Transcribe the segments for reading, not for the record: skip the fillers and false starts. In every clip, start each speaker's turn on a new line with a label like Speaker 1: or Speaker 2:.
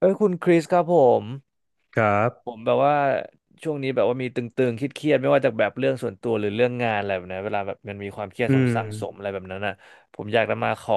Speaker 1: เอ้ยคุณคริสครับม
Speaker 2: ครั
Speaker 1: ผม
Speaker 2: บ
Speaker 1: แบบว่าช่วงนี้แบบว่ามีตึงๆเครียดๆไม่ว่าจากแบบเรื่องส่วนตัวหรือเรื่องงานอะไรแบบนี้เวลาแบบมันมีความเครียด
Speaker 2: อื
Speaker 1: สง
Speaker 2: ม
Speaker 1: สั่งสมอะไรแบบนั้นน่ะผมอยากจะมาขอ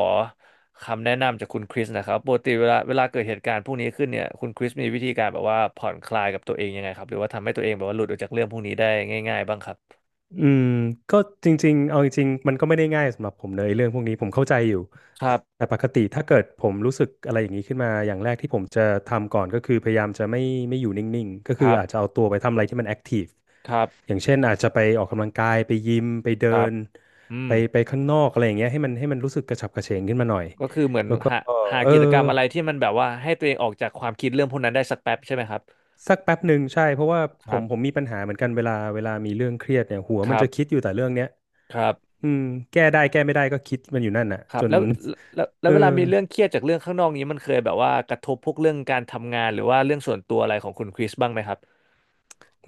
Speaker 1: คำแนะนำจากคุณคริสนะครับปกติเวลาเกิดเหตุการณ์พวกนี้ขึ้นเนี่ยคุณคริสมีวิธีการแบบว่าผ่อนคลายกับตัวเองยังไงครับหรือว่าทำให้ตัวเองแบบว่าหลุดออกจากเรื่องพวกนี้ได้ง่ายๆบ้างครับ
Speaker 2: อืมก็จริงๆ เอาจริงๆ มันก็ไม่ได้ง่ายสำหรับผมเลยเรื่องพวกนี้ผมเข้าใจอยู่
Speaker 1: ครั
Speaker 2: แต่
Speaker 1: บ
Speaker 2: ปกติถ้าเกิดผมรู้สึกอะไรอย่างนี้ขึ้นมาอย่างแรกที่ผมจะทำก่อนก็คือพยายามจะไม่อยู่นิ่งๆ ก็
Speaker 1: ค
Speaker 2: คือ
Speaker 1: รับ
Speaker 2: อาจจะเอาตัวไปทำอะไรที่มันแอคทีฟ
Speaker 1: ครั
Speaker 2: อ
Speaker 1: บ
Speaker 2: ย่างเช่นอาจจะไปออกกำลังกายไปยิมไปเดิ
Speaker 1: ครับ
Speaker 2: น
Speaker 1: อื
Speaker 2: ไป
Speaker 1: ม
Speaker 2: ไปข้างนอกอะไรอย่างเงี้ยให้มันรู้สึกกระฉับกระเฉงขึ้นมาหน่อย
Speaker 1: ก็คือเหมือน
Speaker 2: แล้วก็
Speaker 1: หา
Speaker 2: เออ
Speaker 1: กิจกรรมอะไรที่มันแบบว่าให้ตัวเองออกจากความคิดเรื่องพวกนั้นได้สักแป๊บใช่ไหมครับ
Speaker 2: สักแป๊บหนึ่งใช่เพราะว่า
Speaker 1: ค
Speaker 2: ผ
Speaker 1: รั
Speaker 2: ม
Speaker 1: บ
Speaker 2: ผมมีปัญหาเหมือนกันเวลามีเรื่องเครียดเนี่ยหัว
Speaker 1: ค
Speaker 2: มัน
Speaker 1: รั
Speaker 2: จะคิดอ
Speaker 1: บ
Speaker 2: ยู่แต่เรื่องเนี้ย
Speaker 1: ครับ
Speaker 2: อืมแก้ได้แก้ไม่ได้ก็คิดมันอยู่นั่นน่ะ
Speaker 1: ครั
Speaker 2: จ
Speaker 1: บ
Speaker 2: น
Speaker 1: แล้วแล้ว แล้
Speaker 2: เอ
Speaker 1: ว
Speaker 2: อ
Speaker 1: เวลามีเรื่องเครียดจากเรื่องข้างนอกนี้มันเคยแบบว่ากระทบพวกเรื่องการทำงานหรือว่าเรื่องส่วนตัวอะไรของคุณคริสบ้างไหมครับ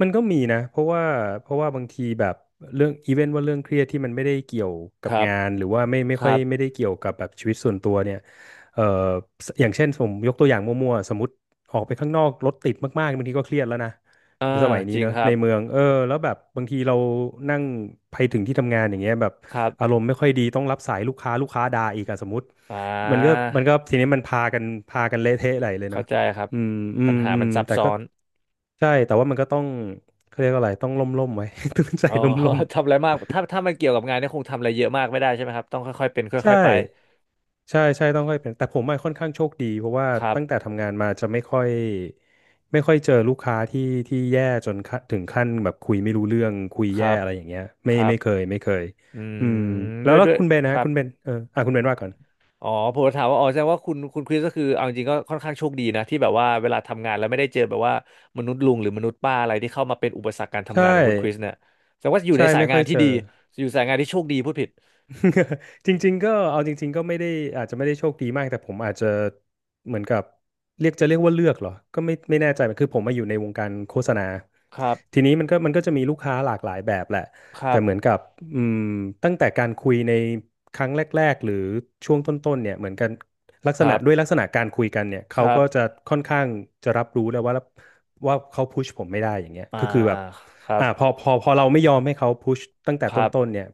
Speaker 2: มันก็มีนะเพราะว่าบางทีแบบเรื่องอีเวนต์ว่าเรื่องเครียดที่มันไม่ได้เกี่ยว
Speaker 1: ค
Speaker 2: กับ
Speaker 1: รับ
Speaker 2: งานหรือว่าไม่ไม่
Speaker 1: ค
Speaker 2: ค่
Speaker 1: รั
Speaker 2: อยไม่ได้
Speaker 1: บ
Speaker 2: เกี่ยวกับแบบชีวิตส่วนตัวเนี่ยเอ่อสอย่างเช่นผมยกตัวอย่างมั่วๆสมมติออกไปข้างนอกรถติดมากๆบางทีก็เครียดแล้วนะ
Speaker 1: อ่า
Speaker 2: ในสมัยนี้
Speaker 1: จริง
Speaker 2: เนอะ
Speaker 1: ครั
Speaker 2: ใน
Speaker 1: บ
Speaker 2: เมืองเออแล้วแบบบางทีเรานั่งไปถึงที่ทำงานอย่างเงี้ยแบบ
Speaker 1: ครับ
Speaker 2: อารมณ์ไม่ค่อยดีต้องรับสายลูกค้าลูกค้าด่า
Speaker 1: อ
Speaker 2: อีก
Speaker 1: ม
Speaker 2: อะสมมติ
Speaker 1: อ่
Speaker 2: มันก็
Speaker 1: า
Speaker 2: มันก็ทีนี้มันพากันเละเทะไหลเลยเน
Speaker 1: เข้า
Speaker 2: อะ
Speaker 1: ใจครับ
Speaker 2: อืมอื
Speaker 1: ปั
Speaker 2: ม
Speaker 1: ญหา
Speaker 2: อื
Speaker 1: มั
Speaker 2: ม
Speaker 1: นซับ
Speaker 2: แต่
Speaker 1: ซ้
Speaker 2: ก็
Speaker 1: อน
Speaker 2: ใช่แต่ว่ามันก็ต้องเขาเรียกว่าอะไรต้องล่มลมไว้ ต้องใจ
Speaker 1: อ๋อ
Speaker 2: ล่มล่ม
Speaker 1: ทำอะไรมากถ้ามันเกี่ยวกับงานเนี่ยคงทำอะไรเยอะมากไม่ได้ใช่ไหมครับต้องค่อยๆเป็น
Speaker 2: ๆใช่
Speaker 1: ค่อยๆไป
Speaker 2: ใช่ใช่ต้องค่อยเป็นแต่ผมอะค่อนข้างโชคดีเพราะว่า
Speaker 1: ครั
Speaker 2: ตั้งแต่
Speaker 1: บ
Speaker 2: ทำงานมาจะไม่ค่อยเจอลูกค้าที่แย่จนขั้นถึงขั้นแบบคุยไม่รู้เรื่องคุย
Speaker 1: ครั
Speaker 2: แย่
Speaker 1: บ
Speaker 2: อะไรอย่างเงี้ย
Speaker 1: ค
Speaker 2: ไม่
Speaker 1: รับ
Speaker 2: ไม่เคยไม่เคย
Speaker 1: อื
Speaker 2: อืม
Speaker 1: ม
Speaker 2: แล้
Speaker 1: ด้
Speaker 2: ว
Speaker 1: วย
Speaker 2: แล้ว
Speaker 1: ด้วย
Speaker 2: คุณเบน
Speaker 1: ค
Speaker 2: นะ
Speaker 1: รับ
Speaker 2: คุณเบนเอออ่ะคุณเบนว่าก่อน
Speaker 1: อ๋อผมจะถามว่าอ๋อแสดงว่าคุณคริสก็คือเอาจริงๆก็ค่อนข้างโชคดีนะที่แบบว่าเวลาทำงานแล้วไม่ได้เจอแบบว่ามนุษย์ลุงหรือมนุษย์ป้าอะไรที่เข้ามาเป็นอุปสรรคการ
Speaker 2: ใช่
Speaker 1: ทำงานของคุณคริสเนี่ยแสดงว่าอยู่
Speaker 2: ใช่
Speaker 1: ในสาย
Speaker 2: ไม่
Speaker 1: งา
Speaker 2: ค่อ
Speaker 1: น
Speaker 2: ย
Speaker 1: ที่
Speaker 2: เจอ
Speaker 1: ดีอยู่สายงานที่โชคดีพูดผิด
Speaker 2: จริงๆก็เอาจริงๆก็ไม่ได้อาจจะไม่ได้โชคดีมากแต่ผมอาจจะเหมือนกับเรียกว่าเลือกเหรอก็ไม่แน่ใจคือผมมาอยู่ในวงการโฆษณา
Speaker 1: ครับ
Speaker 2: ทีนี้มันก็จะมีลูกค้าหลากหลายแบบแหละ
Speaker 1: ครั
Speaker 2: แต่เหมือน
Speaker 1: บ
Speaker 2: กับอืมตั้งแต่การคุยในครั้งแรกๆหรือช่วงต้นๆเนี่ยเหมือนกันลัก
Speaker 1: ค
Speaker 2: ษณะ
Speaker 1: รั
Speaker 2: ด้วยลั
Speaker 1: บ
Speaker 2: กษณะการคุยกันเนี่ย
Speaker 1: ค
Speaker 2: เขา
Speaker 1: รั
Speaker 2: ก็จะ
Speaker 1: บ
Speaker 2: ค่อนข้างจะรับรู้แล้วว่าเขาพุชผมไม่ได้อย่างเงี้ย
Speaker 1: อ่า
Speaker 2: ก็คือแบบ
Speaker 1: ครับ
Speaker 2: อ่าพอเราไม่ยอมให้เขาพุชตั้งแต่
Speaker 1: ค
Speaker 2: ต
Speaker 1: รับ
Speaker 2: ้นๆเนี่ย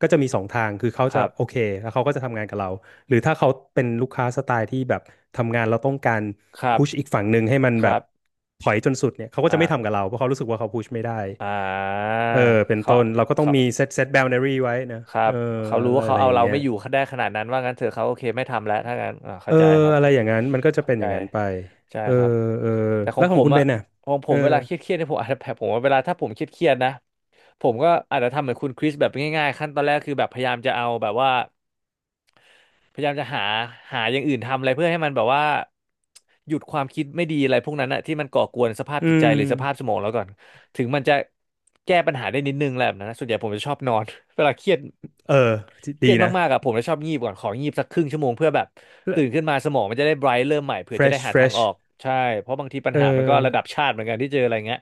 Speaker 2: ก็จะมีสองทางคือเขา
Speaker 1: ค
Speaker 2: จะ
Speaker 1: รั
Speaker 2: โอเค
Speaker 1: บ
Speaker 2: แล้วเขาก็จะทำงานกับเราหรือถ้าเขาเป็นลูกค้าสไตล์ที่แบบทำงานเราต้องการ
Speaker 1: ครับ
Speaker 2: พุชอีกฝั่งหนึ่งให้มัน
Speaker 1: ค
Speaker 2: แบ
Speaker 1: รั
Speaker 2: บ
Speaker 1: บ
Speaker 2: ถอยจนสุดเนี่ยเขาก็
Speaker 1: อ่า
Speaker 2: จะไม่ทำกับเราเพราะเขารู้สึกว่าเขาพุชไม่ได้
Speaker 1: อ่า
Speaker 2: เออเป็น
Speaker 1: เขา
Speaker 2: ต้นเราก็ต้อง
Speaker 1: เขา
Speaker 2: มีเซตบาวนารีไว้นะ
Speaker 1: ครั
Speaker 2: เอ
Speaker 1: บ
Speaker 2: อ
Speaker 1: เขารู้
Speaker 2: อะไร
Speaker 1: ว่าเขา
Speaker 2: อะไร
Speaker 1: เอา
Speaker 2: อย่าง
Speaker 1: เรา
Speaker 2: เงี้ย
Speaker 1: ไม่อยู่เขาได้ขนาดนั้นว่างั้นเถอะเขาโอเคไม่ทำแล้วถ้างั้นอ่า
Speaker 2: เอ
Speaker 1: เข้า
Speaker 2: อ
Speaker 1: ใจครับ
Speaker 2: อะไรอย่างนั้นมันก็จะ
Speaker 1: เข้า
Speaker 2: เป็น
Speaker 1: ใจ
Speaker 2: อย่างนั้นไป
Speaker 1: ใช่
Speaker 2: เออ
Speaker 1: ครับ
Speaker 2: เออ
Speaker 1: แต่ขอ
Speaker 2: แล้
Speaker 1: ง
Speaker 2: วข
Speaker 1: ผ
Speaker 2: อง
Speaker 1: ม
Speaker 2: คุณเบ
Speaker 1: อะ
Speaker 2: นอ่ะ
Speaker 1: ของผ
Speaker 2: เอ
Speaker 1: ม
Speaker 2: อ
Speaker 1: เวลาเครียดเนี่ยผมอาจจะแบบผมว่าเวลาถ้าผมเครียดนะผมก็อาจจะทำเหมือนคุณคริสแบบง่ายๆขั้นตอนแรกคือแบบพยายามจะเอาแบบว่าพยายามจะหาหาอย่างอื่นทำอะไรเพื่อให้มันแบบว่าหยุดความคิดไม่ดีอะไรพวกนั้นอะที่มันก่อกวนสภาพ
Speaker 2: อื
Speaker 1: จิตใจ
Speaker 2: ม
Speaker 1: หรือสภาพสมองเราก่อนถึงมันจะแก้ปัญหาได้นิดนึงแหละแบบนั้นนะส่วนใหญ่ผมจะชอบนอน เวลาเครียด
Speaker 2: เออ
Speaker 1: เครี
Speaker 2: ดี
Speaker 1: ยด
Speaker 2: นะ
Speaker 1: มากๆอะผมจะชอบงีบก่อนของีบสักครึ่งชั่วโมงเพื่อแบบตื่นขึ้นมาสมองมันจะได้ไบรท์เริ่มใหม่เผื่อจะได้
Speaker 2: fresh
Speaker 1: หาทางออ
Speaker 2: fresh
Speaker 1: กใช่เพราะบางทีปัญ
Speaker 2: เอ
Speaker 1: หามันก็ระดับ
Speaker 2: อ
Speaker 1: ชาติเหมือนกันที่เจออะไรเงี้ย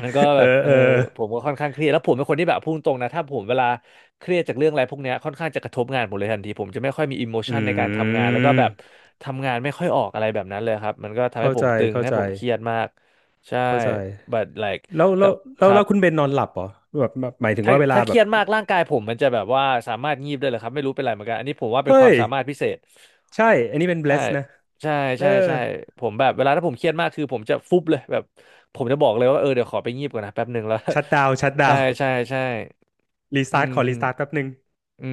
Speaker 1: มันก็
Speaker 2: เอ
Speaker 1: แบบ
Speaker 2: อ
Speaker 1: เออ
Speaker 2: เออ
Speaker 1: ผมก็ค่อนข้างเครียดแล้วผมเป็นคนที่แบบพูดตรงนะถ้าผมเวลาเครียดจากเรื่องอะไรพวกเนี้ยค่อนข้างจะกระทบงานผมเลยทันทีผมจะไม่ค่อยมีอิโมชันในการ
Speaker 2: อื
Speaker 1: ทำงานแล้วก็แบบ
Speaker 2: ม
Speaker 1: ทำงานไม่ค่อยออกอะไรแบบนั้นเลยครับมันก็ทำให้
Speaker 2: เข้า
Speaker 1: ผม
Speaker 2: ใจ
Speaker 1: ตึง
Speaker 2: เข้า
Speaker 1: ให้
Speaker 2: ใจ
Speaker 1: ผมเครียดมากใช่
Speaker 2: เข้าใจ
Speaker 1: but like
Speaker 2: แล้ว
Speaker 1: แต่
Speaker 2: แล้ว
Speaker 1: ค
Speaker 2: แล้ว
Speaker 1: รั
Speaker 2: แล้
Speaker 1: บ
Speaker 2: วคุณเบนนอนหลับเหรอแบบแบบหมายถึง
Speaker 1: ถ้า
Speaker 2: ว่าเวลา
Speaker 1: ถ้าเค
Speaker 2: แบ
Speaker 1: รี
Speaker 2: บ
Speaker 1: ยดมากร่างกายผมมันจะแบบว่าสามารถงีบได้เลยครับไม่รู้เป็นไรเหมือนกันอันนี้ผมว่าเป็นค
Speaker 2: เฮ้
Speaker 1: วาม
Speaker 2: ย
Speaker 1: สามารถพิเศษ
Speaker 2: ใช่ อันนี้เป็น
Speaker 1: ใช่
Speaker 2: bless นะ
Speaker 1: ใช่
Speaker 2: เออ
Speaker 1: ใช่ใช่ผมแบบเวลาถ้าผมเครียดมากคือผมจะฟุบเลยแบบผมจะบอกเลยว่าเออเดี๋ยวขอไปงีบก่อนนะแป๊บหนึ่งแล้ว
Speaker 2: ชัดดาว ชัด ดา
Speaker 1: ใช่
Speaker 2: ว
Speaker 1: ใช่ใช่
Speaker 2: รีส
Speaker 1: อื
Speaker 2: ตาร์ท ข
Speaker 1: ม
Speaker 2: อรีสตาร์ทแป๊บหนึ่ง
Speaker 1: อื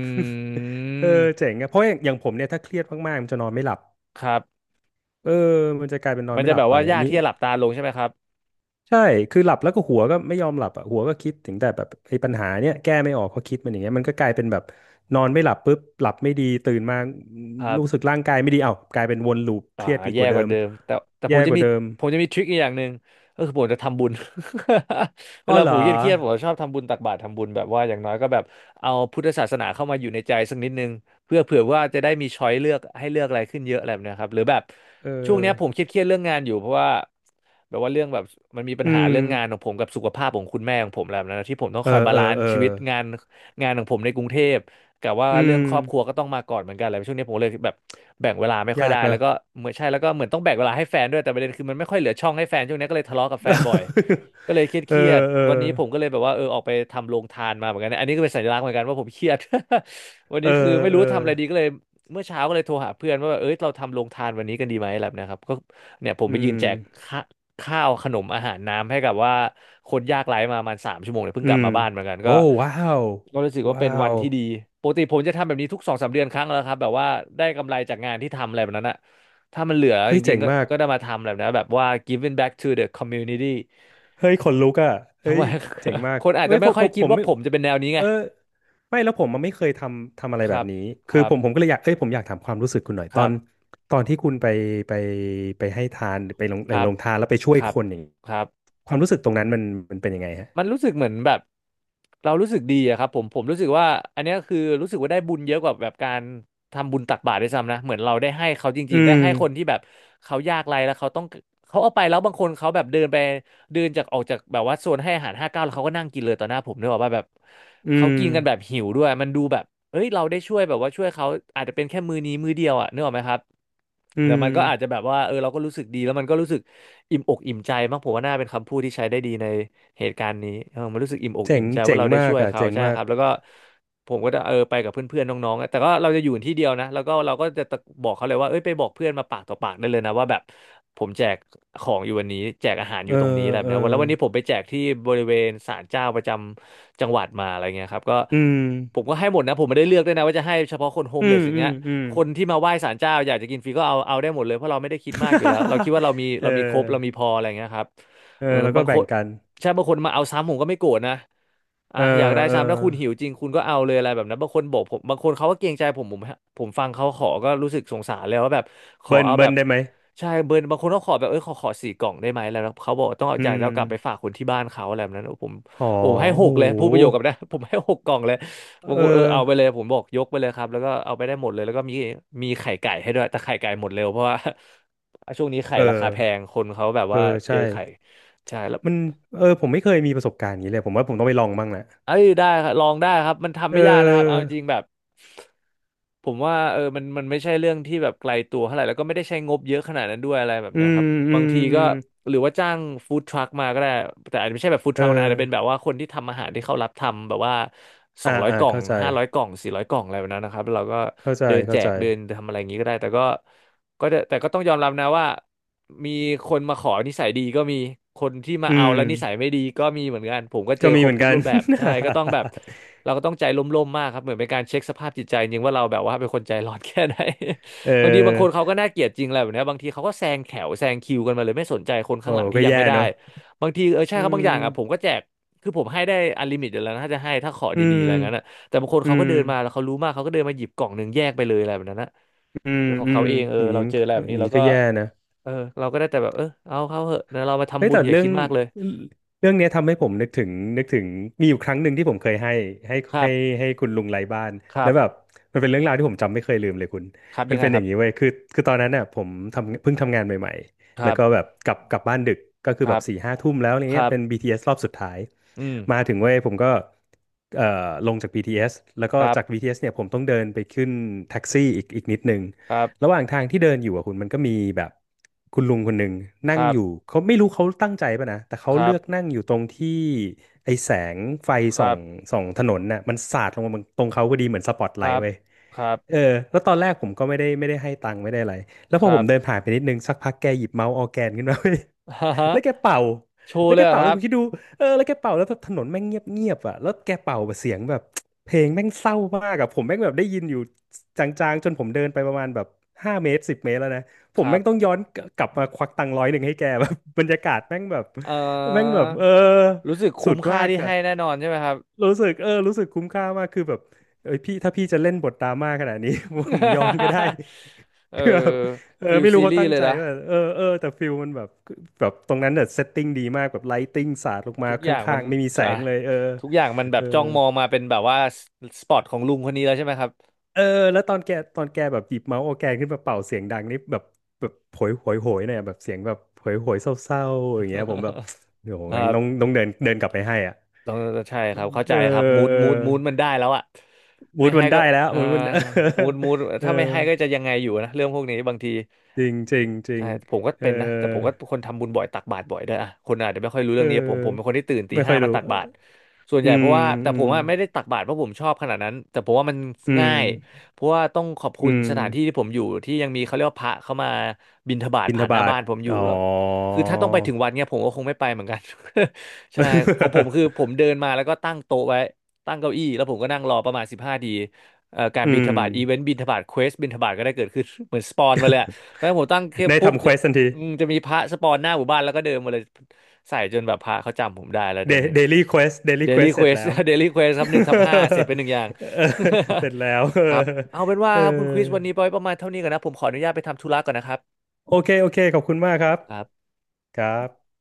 Speaker 2: เออ
Speaker 1: ม
Speaker 2: เจ๋งอะเพราะอย่างอย่างผมเนี่ยถ้าเครียดมากๆมันจะนอนไม่หลับ
Speaker 1: ครับ
Speaker 2: เออ มันจะกลายเป็นนอ
Speaker 1: มั
Speaker 2: น
Speaker 1: น
Speaker 2: ไม่
Speaker 1: จะ
Speaker 2: หลั
Speaker 1: แบ
Speaker 2: บ
Speaker 1: บ
Speaker 2: ไป
Speaker 1: ว่า
Speaker 2: อั
Speaker 1: ยา
Speaker 2: น
Speaker 1: ก
Speaker 2: นี้
Speaker 1: ที่จะหลับตาลงใช่ไหมครับ
Speaker 2: ใช่คือหลับแล้วก็หัวก็ไม่ยอมหลับอ่ะหัวก็คิดถึงแต่แบบไอ้ปัญหาเนี้ยแก้ไม่ออกก็คิดมันอย่างเงี้ยมันก็กลายเป็นแบบนอนไม่หลับปุ๊บหลับไม่ดีตื่นมา
Speaker 1: ครั
Speaker 2: รู้สึ
Speaker 1: บ
Speaker 2: กร่างกายไม่ดีเอ้ากลายเป็นวนลูปเค
Speaker 1: อ่า
Speaker 2: รียดอีกก
Speaker 1: แย่
Speaker 2: ว่า
Speaker 1: ก
Speaker 2: เดิ
Speaker 1: ว่า
Speaker 2: ม
Speaker 1: เดิมแต่ผ
Speaker 2: แย่
Speaker 1: มจะ
Speaker 2: กว่า
Speaker 1: มี
Speaker 2: เดิม
Speaker 1: ผมจะมีทริคอีกอย่างหนึ่งก็คือผมจะทำบุญ เว
Speaker 2: อ้อ
Speaker 1: ลา
Speaker 2: เห
Speaker 1: ผ
Speaker 2: ร
Speaker 1: ม
Speaker 2: อ
Speaker 1: เครียดๆผมชอบทำบุญตักบาตรทำบุญแบบว่าอย่างน้อยก็แบบเอาพุทธศาสนาเข้ามาอยู่ในใจสักนิดนึงเพื่อเผื่อว่าจะได้มีช้อยเลือกให้เลือกอะไรขึ้นเยอะอะไรแบบเนะครับหรือแบบ
Speaker 2: เอ
Speaker 1: ช่วง
Speaker 2: อ
Speaker 1: เนี้ยผมเครียดๆเรื่องงานอยู่เพราะว่าแบบว่าเรื่องแบบมันมีปัญ
Speaker 2: อื
Speaker 1: หา
Speaker 2: ม
Speaker 1: เรื่องงานของผมกับสุขภาพของคุณแม่ของผมแล้วนนนะที่ผมต้อง
Speaker 2: เอ
Speaker 1: คอย
Speaker 2: อ
Speaker 1: บา
Speaker 2: เอ
Speaker 1: ลา
Speaker 2: อ
Speaker 1: นซ์
Speaker 2: เอ
Speaker 1: ชี
Speaker 2: อ
Speaker 1: วิตงานงานของผมในกรุงเทพ กับว่า
Speaker 2: อื
Speaker 1: เรื่อ
Speaker 2: ม
Speaker 1: งครอบครัวก็ต้องมาก่อนเหมือนกันอะไรช่วงนี้ผมเลยแบบแบ่งเวลาไม่ค่อย
Speaker 2: ยา
Speaker 1: ได้
Speaker 2: กเน
Speaker 1: แล้
Speaker 2: อะ
Speaker 1: วก็เหมือนใช่แล้วก็เหมือนต้องแบ่งเวลาให้แฟนด้วยแต่ประเด็นคือมันไม่ค่อยเหลือช่องให้แฟนช่วงนี้ก็เลยทะเลาะกับแฟนบ่อย ก็เลยเค
Speaker 2: เออ
Speaker 1: รียด
Speaker 2: เออ
Speaker 1: ๆวันนี้ผมก็เลยแบบว่าออกไปทำโรงทานมาเหมือนกันนะอันนี้ก็เป็นสัญลักษณ์เหมือนกันว่าผมเครียด วัน
Speaker 2: เอ
Speaker 1: นี้
Speaker 2: อ
Speaker 1: คือไม่
Speaker 2: เอ
Speaker 1: รู้
Speaker 2: อ
Speaker 1: ทำอะไรดีก็เลยเมื่อเช้าก็เลยโทรหาเพื่อนว่าเอ้ยเราทำโรงทานวันนี้กันดีไหมแบบเนะครับก็เนี่ยผม
Speaker 2: อื
Speaker 1: ไปยืน
Speaker 2: ม
Speaker 1: แจกข้า ข้าวขนมอาหารน้ำให้กับว่าคนยากไร้มาประมาณ3 ชั่วโมงเนี่ยเพิ่ง
Speaker 2: อื
Speaker 1: กลับ
Speaker 2: ม
Speaker 1: มาบ้านเหมือนกัน
Speaker 2: โอ้
Speaker 1: ก็
Speaker 2: ว้าว
Speaker 1: ก็รู้สึกว่า
Speaker 2: ว้า
Speaker 1: เป็นวัน
Speaker 2: ว
Speaker 1: ที่ดีปกติผมจะทำแบบนี้ทุกสองสามเดือนครั้งแล้วครับแบบว่าได้กำไรจากงานที่ทำอะไรแบบนั้นอะถ้ามันเหลือ
Speaker 2: เฮ้
Speaker 1: จ
Speaker 2: ย
Speaker 1: ริ
Speaker 2: เจ๋
Speaker 1: ง
Speaker 2: ง
Speaker 1: ๆก็
Speaker 2: มาก
Speaker 1: ก็ได้มาทำแบบนั้นแบบว่า giving back to the community
Speaker 2: เฮ้ยขนลุกอ่ะเฮ้
Speaker 1: ทำไม
Speaker 2: ยเจ๋ง มาก
Speaker 1: คนอาจ
Speaker 2: เฮ้
Speaker 1: จะ
Speaker 2: ย
Speaker 1: ไม่
Speaker 2: ผม
Speaker 1: ค่อ
Speaker 2: ผ
Speaker 1: ย
Speaker 2: ม
Speaker 1: คิ
Speaker 2: ผ
Speaker 1: ด
Speaker 2: ม
Speaker 1: ว่า
Speaker 2: ไม่
Speaker 1: ผมจะเป็นแนวนี้ไง
Speaker 2: เออไม่แล้วผมมันไม่เคยทำอะไร
Speaker 1: ค
Speaker 2: แบ
Speaker 1: รั
Speaker 2: บ
Speaker 1: บ
Speaker 2: นี้
Speaker 1: ค
Speaker 2: คือ
Speaker 1: รั
Speaker 2: ผ
Speaker 1: บ
Speaker 2: มผมก็เลยอยากเอ้ยผมอยากถามความรู้สึกคุณหน่อย
Speaker 1: ค
Speaker 2: ตอ
Speaker 1: รั
Speaker 2: น
Speaker 1: บ
Speaker 2: ตอนที่คุณไปไปให้ทานไปลง
Speaker 1: ครั
Speaker 2: ล
Speaker 1: บ
Speaker 2: งทานแล้วไปช่วย
Speaker 1: ครั
Speaker 2: ค
Speaker 1: บ
Speaker 2: นอย่างนี้
Speaker 1: ครับ
Speaker 2: ความรู้สึกตรงนั้นมันเป็นยังไงฮะ
Speaker 1: มันรู้สึกเหมือนแบบเรารู้สึกดีอะครับผมรู้สึกว่าอันเนี้ยคือรู้สึกว่าได้บุญเยอะกว่าแบบการทำบุญตักบาตรด้วยซ้ำนะเหมือนเราได้ให้เขาจ
Speaker 2: อื
Speaker 1: ริงๆได้
Speaker 2: ม
Speaker 1: ให้คนที่แบบเขายากไร้แล้วเขาต้องเขาเอาไปแล้วบางคนเขาแบบเดินไปเดินจากออกจากแบบว่าโซนให้อาหารห้าเก้าแล้วเขาก็นั่งกินเลยต่อหน้าผมเนกอะว่าแบบ
Speaker 2: อื
Speaker 1: เขา
Speaker 2: ม
Speaker 1: กินกันแบบหิวด้วยมันดูแบบเอ้ยเราได้ช่วยแบบว่าช่วยเขาอาจจะเป็นแค่มือนี้มือเดียวอะนึกออกไหมครับ
Speaker 2: อื
Speaker 1: แต่มันก็อาจจะ
Speaker 2: ม
Speaker 1: แบบว่าเออเราก็รู้สึกดีแล้วมันก็รู้สึกอิ่มอกอิ่มใจมากผมว่าน่าเป็นคำพูดที่ใช้ได้ดีใน เหตุการณ์นี้มันรู้สึกอิ่มอก
Speaker 2: เจ๋
Speaker 1: อิ่
Speaker 2: ง
Speaker 1: มใจว่า
Speaker 2: เจ๋ง
Speaker 1: เราได้
Speaker 2: มา
Speaker 1: ช่
Speaker 2: ก
Speaker 1: วย
Speaker 2: อ่ะ
Speaker 1: เขา
Speaker 2: เจ๋ง
Speaker 1: ใช่
Speaker 2: มา
Speaker 1: ค
Speaker 2: ก
Speaker 1: รับแล้วก็ผมก็จะไปกับเพื่อนๆน้องๆอะแต่ก็เราจะอยู่ที่เดียวนะแล้วก็เราก็จะตะบอกเขาเลยว่าเอ้ยไปบอกเพื่อนมาปากต่อปากได้เลยนะว่าแบบผมแจกของอยู่วันนี้แจกอาหารอ
Speaker 2: เอ
Speaker 1: ยู่
Speaker 2: อ
Speaker 1: ตรงนี้อะไรแบบ
Speaker 2: เออ
Speaker 1: เนี้ยวันแล้ววันนี้ผมไปแจกที่บริเวณศาลเจ้าประจำจังหวัดมาอะไรเงี้ยครับก็
Speaker 2: อืม
Speaker 1: ผมก็ให้หมดนะผมไม่ได้เลือกด้วยนะว่าจะให้เฉพาะคนโฮม
Speaker 2: อื
Speaker 1: เล
Speaker 2: ม
Speaker 1: สอย่าง
Speaker 2: อื
Speaker 1: เงี้
Speaker 2: ม
Speaker 1: ย
Speaker 2: อืม
Speaker 1: คนที่มาไหว้ศาลเจ้าอยากจะกินฟรีก็เอาเอาได้หมดเลยเพราะเราไม่ได้คิดมากอยู่แล้วเราคิด ว่าเรามี
Speaker 2: เอ
Speaker 1: เรา
Speaker 2: อ
Speaker 1: มีครบเรามีพออะไรเงี้ยครับ
Speaker 2: เออแล้วก็
Speaker 1: บางค
Speaker 2: แบ่ง
Speaker 1: น
Speaker 2: กัน
Speaker 1: ใช่บางคนมาเอาซ้ำผมก็ไม่โกรธนะอ่ะ
Speaker 2: เออ
Speaker 1: อยากได้
Speaker 2: เออ
Speaker 1: ซ้ำถ้าคุณหิวจริงคุณก็เอาเลยอะไรแบบนั้นบางคนบอกผมบางคนเขาก็เกรงใจผมผมฟังเขาขอก็รู้สึกสงสารแล้วว่าแบบขอ
Speaker 2: เบิ้น
Speaker 1: เอาแบ
Speaker 2: เบิร์น
Speaker 1: บ
Speaker 2: ได้ไหม
Speaker 1: ใช่เบิร์นบางคนก็ขอแบบขอ4 กล่องได้ไหมแล้วเขาบอกต้องเอา
Speaker 2: อื
Speaker 1: อยากจะ
Speaker 2: ม
Speaker 1: เอากลับไปฝากคนที่บ้านเขาอะไรแบบนั้นโอ้ผม
Speaker 2: อ๋อ
Speaker 1: ผมให้ห
Speaker 2: โห
Speaker 1: กเลยพูดประโยคกับนะ ผมให้6 กล่องเลยบาง
Speaker 2: เออ
Speaker 1: คนเอาไปเลยผมบอกยกไปเลยครับแล้วก็เอาไปได้หมดเลยแล้วก็มีไข่ไก่ให้ด้วยแต่ไข่ไก่หมดเร็วเพราะว่า ช่วงนี้ไข่
Speaker 2: เอ
Speaker 1: ราคาแพง
Speaker 2: อ
Speaker 1: คนเขาแบบ
Speaker 2: เออ
Speaker 1: ว่าเจ
Speaker 2: ใช่
Speaker 1: อไข่ใช่แล้ว
Speaker 2: มัน เออผมไม่เคยมีประสบการณ์อย่างนี้เลยผมว่าผมต้องไปลองบ้างแหละ
Speaker 1: เอ้ยได้ครับลองได้ครับมันทำ
Speaker 2: เ
Speaker 1: ไม่ยากนะครับเอาจ
Speaker 2: ออ
Speaker 1: ริงแบบผมว่ามันไม่ใช่เรื่องที่แบบไกลตัวเท่าไหร่แล้วก็ไม่ได้ใช้งบเยอะขนาดนั้นด้วยอะไรแบบ
Speaker 2: อื
Speaker 1: เนี้ยครั
Speaker 2: ม
Speaker 1: บ
Speaker 2: อื
Speaker 1: บาง
Speaker 2: ม
Speaker 1: ที
Speaker 2: อื
Speaker 1: ก็
Speaker 2: ม
Speaker 1: หรือว่าจ้างฟู้ดทรัคมาก็ได้แต่อาจจะไม่ใช่แบบฟู้ดท
Speaker 2: เอ
Speaker 1: รัคนะอา
Speaker 2: อ
Speaker 1: จจะเป็นแบบว่าคนที่ทำอาหารที่เขารับทำแบบว่าสอ
Speaker 2: อ่า
Speaker 1: งร้อย
Speaker 2: อ่า
Speaker 1: กล่อง
Speaker 2: เข้าใจ
Speaker 1: 500 กล่อง400 กล่องอะไรแบบนั้นนะครับแล้วเราก็
Speaker 2: เข้าใจ
Speaker 1: เดินแจ
Speaker 2: เข้าใจ
Speaker 1: กเดินทำอะไรอย่างนี้ก็ได้แต่ก็ก็จะแต่ก็ต้องยอมรับนะว่า มีคนมาขอนิสัยดีก็มีคนที่มา
Speaker 2: อื
Speaker 1: เอา
Speaker 2: ม
Speaker 1: แล้วนิสัยไม่ดีก็มีเหมือนกันผมก็เจ
Speaker 2: ก็
Speaker 1: อค
Speaker 2: มี
Speaker 1: ร
Speaker 2: เห
Speaker 1: บ
Speaker 2: มือน
Speaker 1: ทุก
Speaker 2: กัน
Speaker 1: รูป แบบใช่ก็ต้องแบบเราก็ต้องใจร่มๆมากครับเหมือนเป็นการเช็คสภาพจิตใจจริงว่าเราแบบว่าเป็นคนใจร้อนแค่ไหน
Speaker 2: เอ
Speaker 1: บางทีบาง
Speaker 2: อ
Speaker 1: คนเขาก็น่าเกลียดจริงแหละแบบเนี้ยบางทีเขาก็แซงแถวแซงคิวกันมาเลยไม่สนใจคน
Speaker 2: โอ้
Speaker 1: ข้างหลังที่
Speaker 2: ก็
Speaker 1: ยัง
Speaker 2: แย่
Speaker 1: ไม่ได้
Speaker 2: เนอะ
Speaker 1: บางทีเออใช่
Speaker 2: อื
Speaker 1: ครับบาง
Speaker 2: ม
Speaker 1: อย่างอ่ะผมก็แจกคือผมให้ได้อันลิมิตอยู่แล้วนะถ้าจะให้ถ้าขอ
Speaker 2: อื
Speaker 1: ดีๆอะไรงั้นอะ
Speaker 2: ม
Speaker 1: แต่บางคน
Speaker 2: อื
Speaker 1: เขาก็
Speaker 2: ม
Speaker 1: เดินมาแล้วเขารู้มากเขาก็เดินมาหยิบกล่องหนึ่งแยกไปเลยอะไรแบบนั้นนะ
Speaker 2: อืม
Speaker 1: เป็นของ
Speaker 2: อื
Speaker 1: เขา
Speaker 2: ม
Speaker 1: เองเออ
Speaker 2: อย่างนี้
Speaker 1: เรา
Speaker 2: มั
Speaker 1: เจ
Speaker 2: น
Speaker 1: ออะไรแบบ
Speaker 2: อ
Speaker 1: นี้
Speaker 2: ย่าง
Speaker 1: เรา
Speaker 2: นี้ก็
Speaker 1: ก็
Speaker 2: แย่นะ
Speaker 1: เออเราก็ได้แต่แบบเออเอาเข้าเหอะนะเรามา
Speaker 2: เฮ้
Speaker 1: ทำ
Speaker 2: ย
Speaker 1: บุญ
Speaker 2: แต่
Speaker 1: อย่า
Speaker 2: เรื่อ
Speaker 1: คิ
Speaker 2: ง
Speaker 1: ดมากเลย
Speaker 2: เรื่องเนี้ยทำให้ผมนึกถึงมีอยู่ครั้งหนึ่งที่ผมเคยให้
Speaker 1: ครั
Speaker 2: ให้
Speaker 1: บ
Speaker 2: ให้คุณลุงไร้บ้าน
Speaker 1: ครั
Speaker 2: แล้วแบบ
Speaker 1: บ
Speaker 2: มันเป็นเรื่องราวที่ผมจำไม่เคยลืมเลยคุณ
Speaker 1: ครับ
Speaker 2: มั
Speaker 1: ยั
Speaker 2: น
Speaker 1: งไง
Speaker 2: เป็น
Speaker 1: ค
Speaker 2: อ
Speaker 1: รั
Speaker 2: ย่างนี้
Speaker 1: บ
Speaker 2: เว้ยคือตอนนั้นน่ะผมเพิ่งทำงานใหม่
Speaker 1: ค
Speaker 2: ๆแล้
Speaker 1: รั
Speaker 2: วก็แบบ
Speaker 1: บ
Speaker 2: กลับบ้านดึกก็
Speaker 1: ค
Speaker 2: คือ
Speaker 1: รั
Speaker 2: แบบ
Speaker 1: บ
Speaker 2: สี่ห้าทุ่มแล้วอะไร
Speaker 1: ครั
Speaker 2: เงี้ย
Speaker 1: บ
Speaker 2: เป็น BTS รอบสุดท้าย
Speaker 1: อืม
Speaker 2: มาถึงเว้ยผมก็เอ่อลงจาก BTS แล้วก็
Speaker 1: ครั
Speaker 2: จาก
Speaker 1: บ
Speaker 2: BTS เอสเนี่ยผมต้องเดินไปขึ้นแท็กซี่อีกนิดนึง
Speaker 1: ครั
Speaker 2: ระห
Speaker 1: บ
Speaker 2: ว่างทางที่เดินอยู่อะคุณมันก็มีแบบคุณลุงคนหนึ่ง
Speaker 1: ค
Speaker 2: นั่ง
Speaker 1: รับ
Speaker 2: อยู่เขาไม่รู้เขาตั้งใจป่ะนะแต่เขา
Speaker 1: ครั
Speaker 2: เลือก
Speaker 1: บ
Speaker 2: นั่งอยู่ตรงที่ไอแสงไฟ
Speaker 1: ค
Speaker 2: ส่
Speaker 1: รั
Speaker 2: อง
Speaker 1: บ
Speaker 2: ส่องถนนน่ะมันสาดลงมาตรงเขาพอดีเหมือนสปอต
Speaker 1: ค
Speaker 2: ไล
Speaker 1: รั
Speaker 2: ท์
Speaker 1: บ
Speaker 2: เว้ย
Speaker 1: ครับ
Speaker 2: เออแล้วตอนแรกผมก็ไม่ได้ให้ตังค์ไม่ได้อะไรแล้ว
Speaker 1: ค
Speaker 2: พอผ
Speaker 1: รั
Speaker 2: ม
Speaker 1: บ
Speaker 2: เดินผ่านไปนิดนึงสักพักแกหยิบเมาส์ออร์แกนขึ้นมาเว้ย
Speaker 1: ฮ่าฮ่า
Speaker 2: แล้วแกเป่า
Speaker 1: โชู
Speaker 2: แล้ว
Speaker 1: เล
Speaker 2: แก
Speaker 1: ยเหรอ
Speaker 2: เป่า
Speaker 1: ค
Speaker 2: แล้
Speaker 1: รั
Speaker 2: ว
Speaker 1: บ
Speaker 2: คุณคิดดูเออแล้วแกเป่าแล้วแบบถนนแม่งเงียบเงียบอ่ะแล้วแกเป่าแบบเสียงแบบเพลงแม่งเศร้ามากอ่ะผมแม่งแบบได้ยินอยู่จางๆจนผมเดินไปประมาณแบบ5 เมตร10 เมตรแล้วนะ ผ
Speaker 1: ค
Speaker 2: ม
Speaker 1: รั
Speaker 2: แม่งต้อง
Speaker 1: บ
Speaker 2: ย้อนกลับมาควักตังค์100ให้แกแบบ บรรยากาศแม่งแบบ
Speaker 1: เอ
Speaker 2: แม่งแบ
Speaker 1: อ
Speaker 2: บเออ
Speaker 1: รู้สึก
Speaker 2: สุ
Speaker 1: คุ้ม
Speaker 2: ด
Speaker 1: ค่า
Speaker 2: มาก
Speaker 1: ที่
Speaker 2: อ่ะ
Speaker 1: ให้แน่นอนใช่ไหมครับ
Speaker 2: รู้สึกเออรู้สึกคุ้มค่ามากคือแบบเอ้ยพี่ถ้าพี่จะเล่นบทดราม่าขนาดนี้ ผมยอมก็ได้
Speaker 1: เออ
Speaker 2: เออ
Speaker 1: ฟิล
Speaker 2: ไม่รู้
Speaker 1: ซี
Speaker 2: เขา
Speaker 1: รีส์
Speaker 2: ตั้ง
Speaker 1: เลย
Speaker 2: ใจ
Speaker 1: นะ
Speaker 2: ว่าเออเออแต่ฟิลมันแบบตรงนั้นเนี่ยเซตติ้งดีมากแบบไลท์ติ้งสาดลงมา
Speaker 1: ทุก
Speaker 2: ข
Speaker 1: อย่างมั
Speaker 2: ้า
Speaker 1: น
Speaker 2: งๆไม่มีแส
Speaker 1: อ่ะ
Speaker 2: งเลยเออ
Speaker 1: ทุกอย่างมันแบ
Speaker 2: เอ
Speaker 1: บ
Speaker 2: อ
Speaker 1: จ้องมองมาเป็นแบบว่าสปอตของลุงคนนี้แล้วใช่ไหมครับ
Speaker 2: เออแล้วตอนแกแบบหยิบเมาส์ออร์แกนขึ้นมาเป่าเสียงดังนี่แบบโหยโหยโหยเนี่ยแบบเสียงแบบโหยโหยเศร้าๆอย่างเงี้ยผมแบบ เดี๋ยว
Speaker 1: ค
Speaker 2: แม่ง
Speaker 1: รับ
Speaker 2: ต้องเดินเดินกลับไปให้อ่ะ
Speaker 1: ต้องใช่ครับ เข้า
Speaker 2: เอ
Speaker 1: ใจ
Speaker 2: อ
Speaker 1: ครับมูด
Speaker 2: เอ
Speaker 1: มูดมูดมัน
Speaker 2: อ
Speaker 1: ได้แล้วอะ
Speaker 2: มู
Speaker 1: ไม่
Speaker 2: ด
Speaker 1: ให้
Speaker 2: มันได้
Speaker 1: ก็
Speaker 2: แล้ว
Speaker 1: เอ่อ
Speaker 2: มูดมัน เออ
Speaker 1: มู ดมูด
Speaker 2: เออ
Speaker 1: ถ้าไม่ให้ก็จะยังไงอยู่นะ เรื่องพวกนี้บางที
Speaker 2: จริงจริงจริ
Speaker 1: ใช่
Speaker 2: ง
Speaker 1: ผมก็
Speaker 2: เอ
Speaker 1: เป็นนะแต่
Speaker 2: อ
Speaker 1: ผมก็คนทำบุญบ่อยตักบาตรบ่อยด้วยอะคนอาจจะไม่ค่อยรู้
Speaker 2: เ
Speaker 1: เรื่องนี้ผมผมเป็น
Speaker 2: ออ
Speaker 1: คนที่ตื่นตี
Speaker 2: ไม่ค่
Speaker 1: ห้า
Speaker 2: อย
Speaker 1: มา
Speaker 2: รู้
Speaker 1: ตักบาตรส่วนให
Speaker 2: อื
Speaker 1: ญ่เพ
Speaker 2: ม
Speaker 1: ราะว่าแต่
Speaker 2: อื
Speaker 1: ผ
Speaker 2: ม
Speaker 1: มอะไม่ได้ตักบาตรเพราะผมชอบขนาดนั้นแต่ผมว่ามัน
Speaker 2: อื
Speaker 1: ง่า
Speaker 2: ม
Speaker 1: ยเพราะว่าต้องขอบคุ
Speaker 2: อื
Speaker 1: ณ
Speaker 2: ม
Speaker 1: สถานที่ที่ผมอยู่ที่ยังมีเขาเรียกว่าพระเข้ามาบิณฑบาต
Speaker 2: บิณฑ
Speaker 1: ผ่านหน้า
Speaker 2: บาต
Speaker 1: บ้านผมอยู่
Speaker 2: อ๋อ
Speaker 1: แล้วคือถ้าต้องไปถึงวัดเนี่ยผมก็คงไม่ไปเหมือนกัน ใช่ของผมคือผม เดินมาแล้วก็ตั้งโต๊ะไว้ตั้งเก้าอี้แล้วผมก็นั่งรอประมาณ15ทีการ
Speaker 2: อื
Speaker 1: บิณฑ
Speaker 2: ม
Speaker 1: บาตอีเวนต์บิณฑบาตเควสบิณฑบาตก็ได้เกิดขึ้น เหมือนสปอนมาเลย ถ้วผมตั้งเคป
Speaker 2: ได้
Speaker 1: ปุ๊บ
Speaker 2: ทำเค
Speaker 1: จะ
Speaker 2: วสทันที
Speaker 1: อืมจะมีพระสปอนหน้าหมู่บ้านแล้วก็เดินมาเลยใส่จนแบบพระเขาจำผมได้แล้ว
Speaker 2: เด
Speaker 1: เดี๋ยวนี้
Speaker 2: เดลี่เควสเด
Speaker 1: เด
Speaker 2: ลี่เคว
Speaker 1: ลี่
Speaker 2: ส
Speaker 1: เค
Speaker 2: เส ร็
Speaker 1: ว
Speaker 2: จ
Speaker 1: ส
Speaker 2: แล้ว
Speaker 1: เดลี่เควสครับ1/5เสร็จไปหนึ่งอย่าง
Speaker 2: เออเสร็จแล้ว เออ
Speaker 1: ครับเอาเป็นว่า
Speaker 2: เอ
Speaker 1: ครับคุณคริสวัน
Speaker 2: อ
Speaker 1: นี้ไปไว้ประมาณเท่านี้ก่อนนะผมขออนุญาตไปทำธุระก่อนนะครับ
Speaker 2: โอเคโอเคขอบคุณมากครับ
Speaker 1: ครับ
Speaker 2: ครับ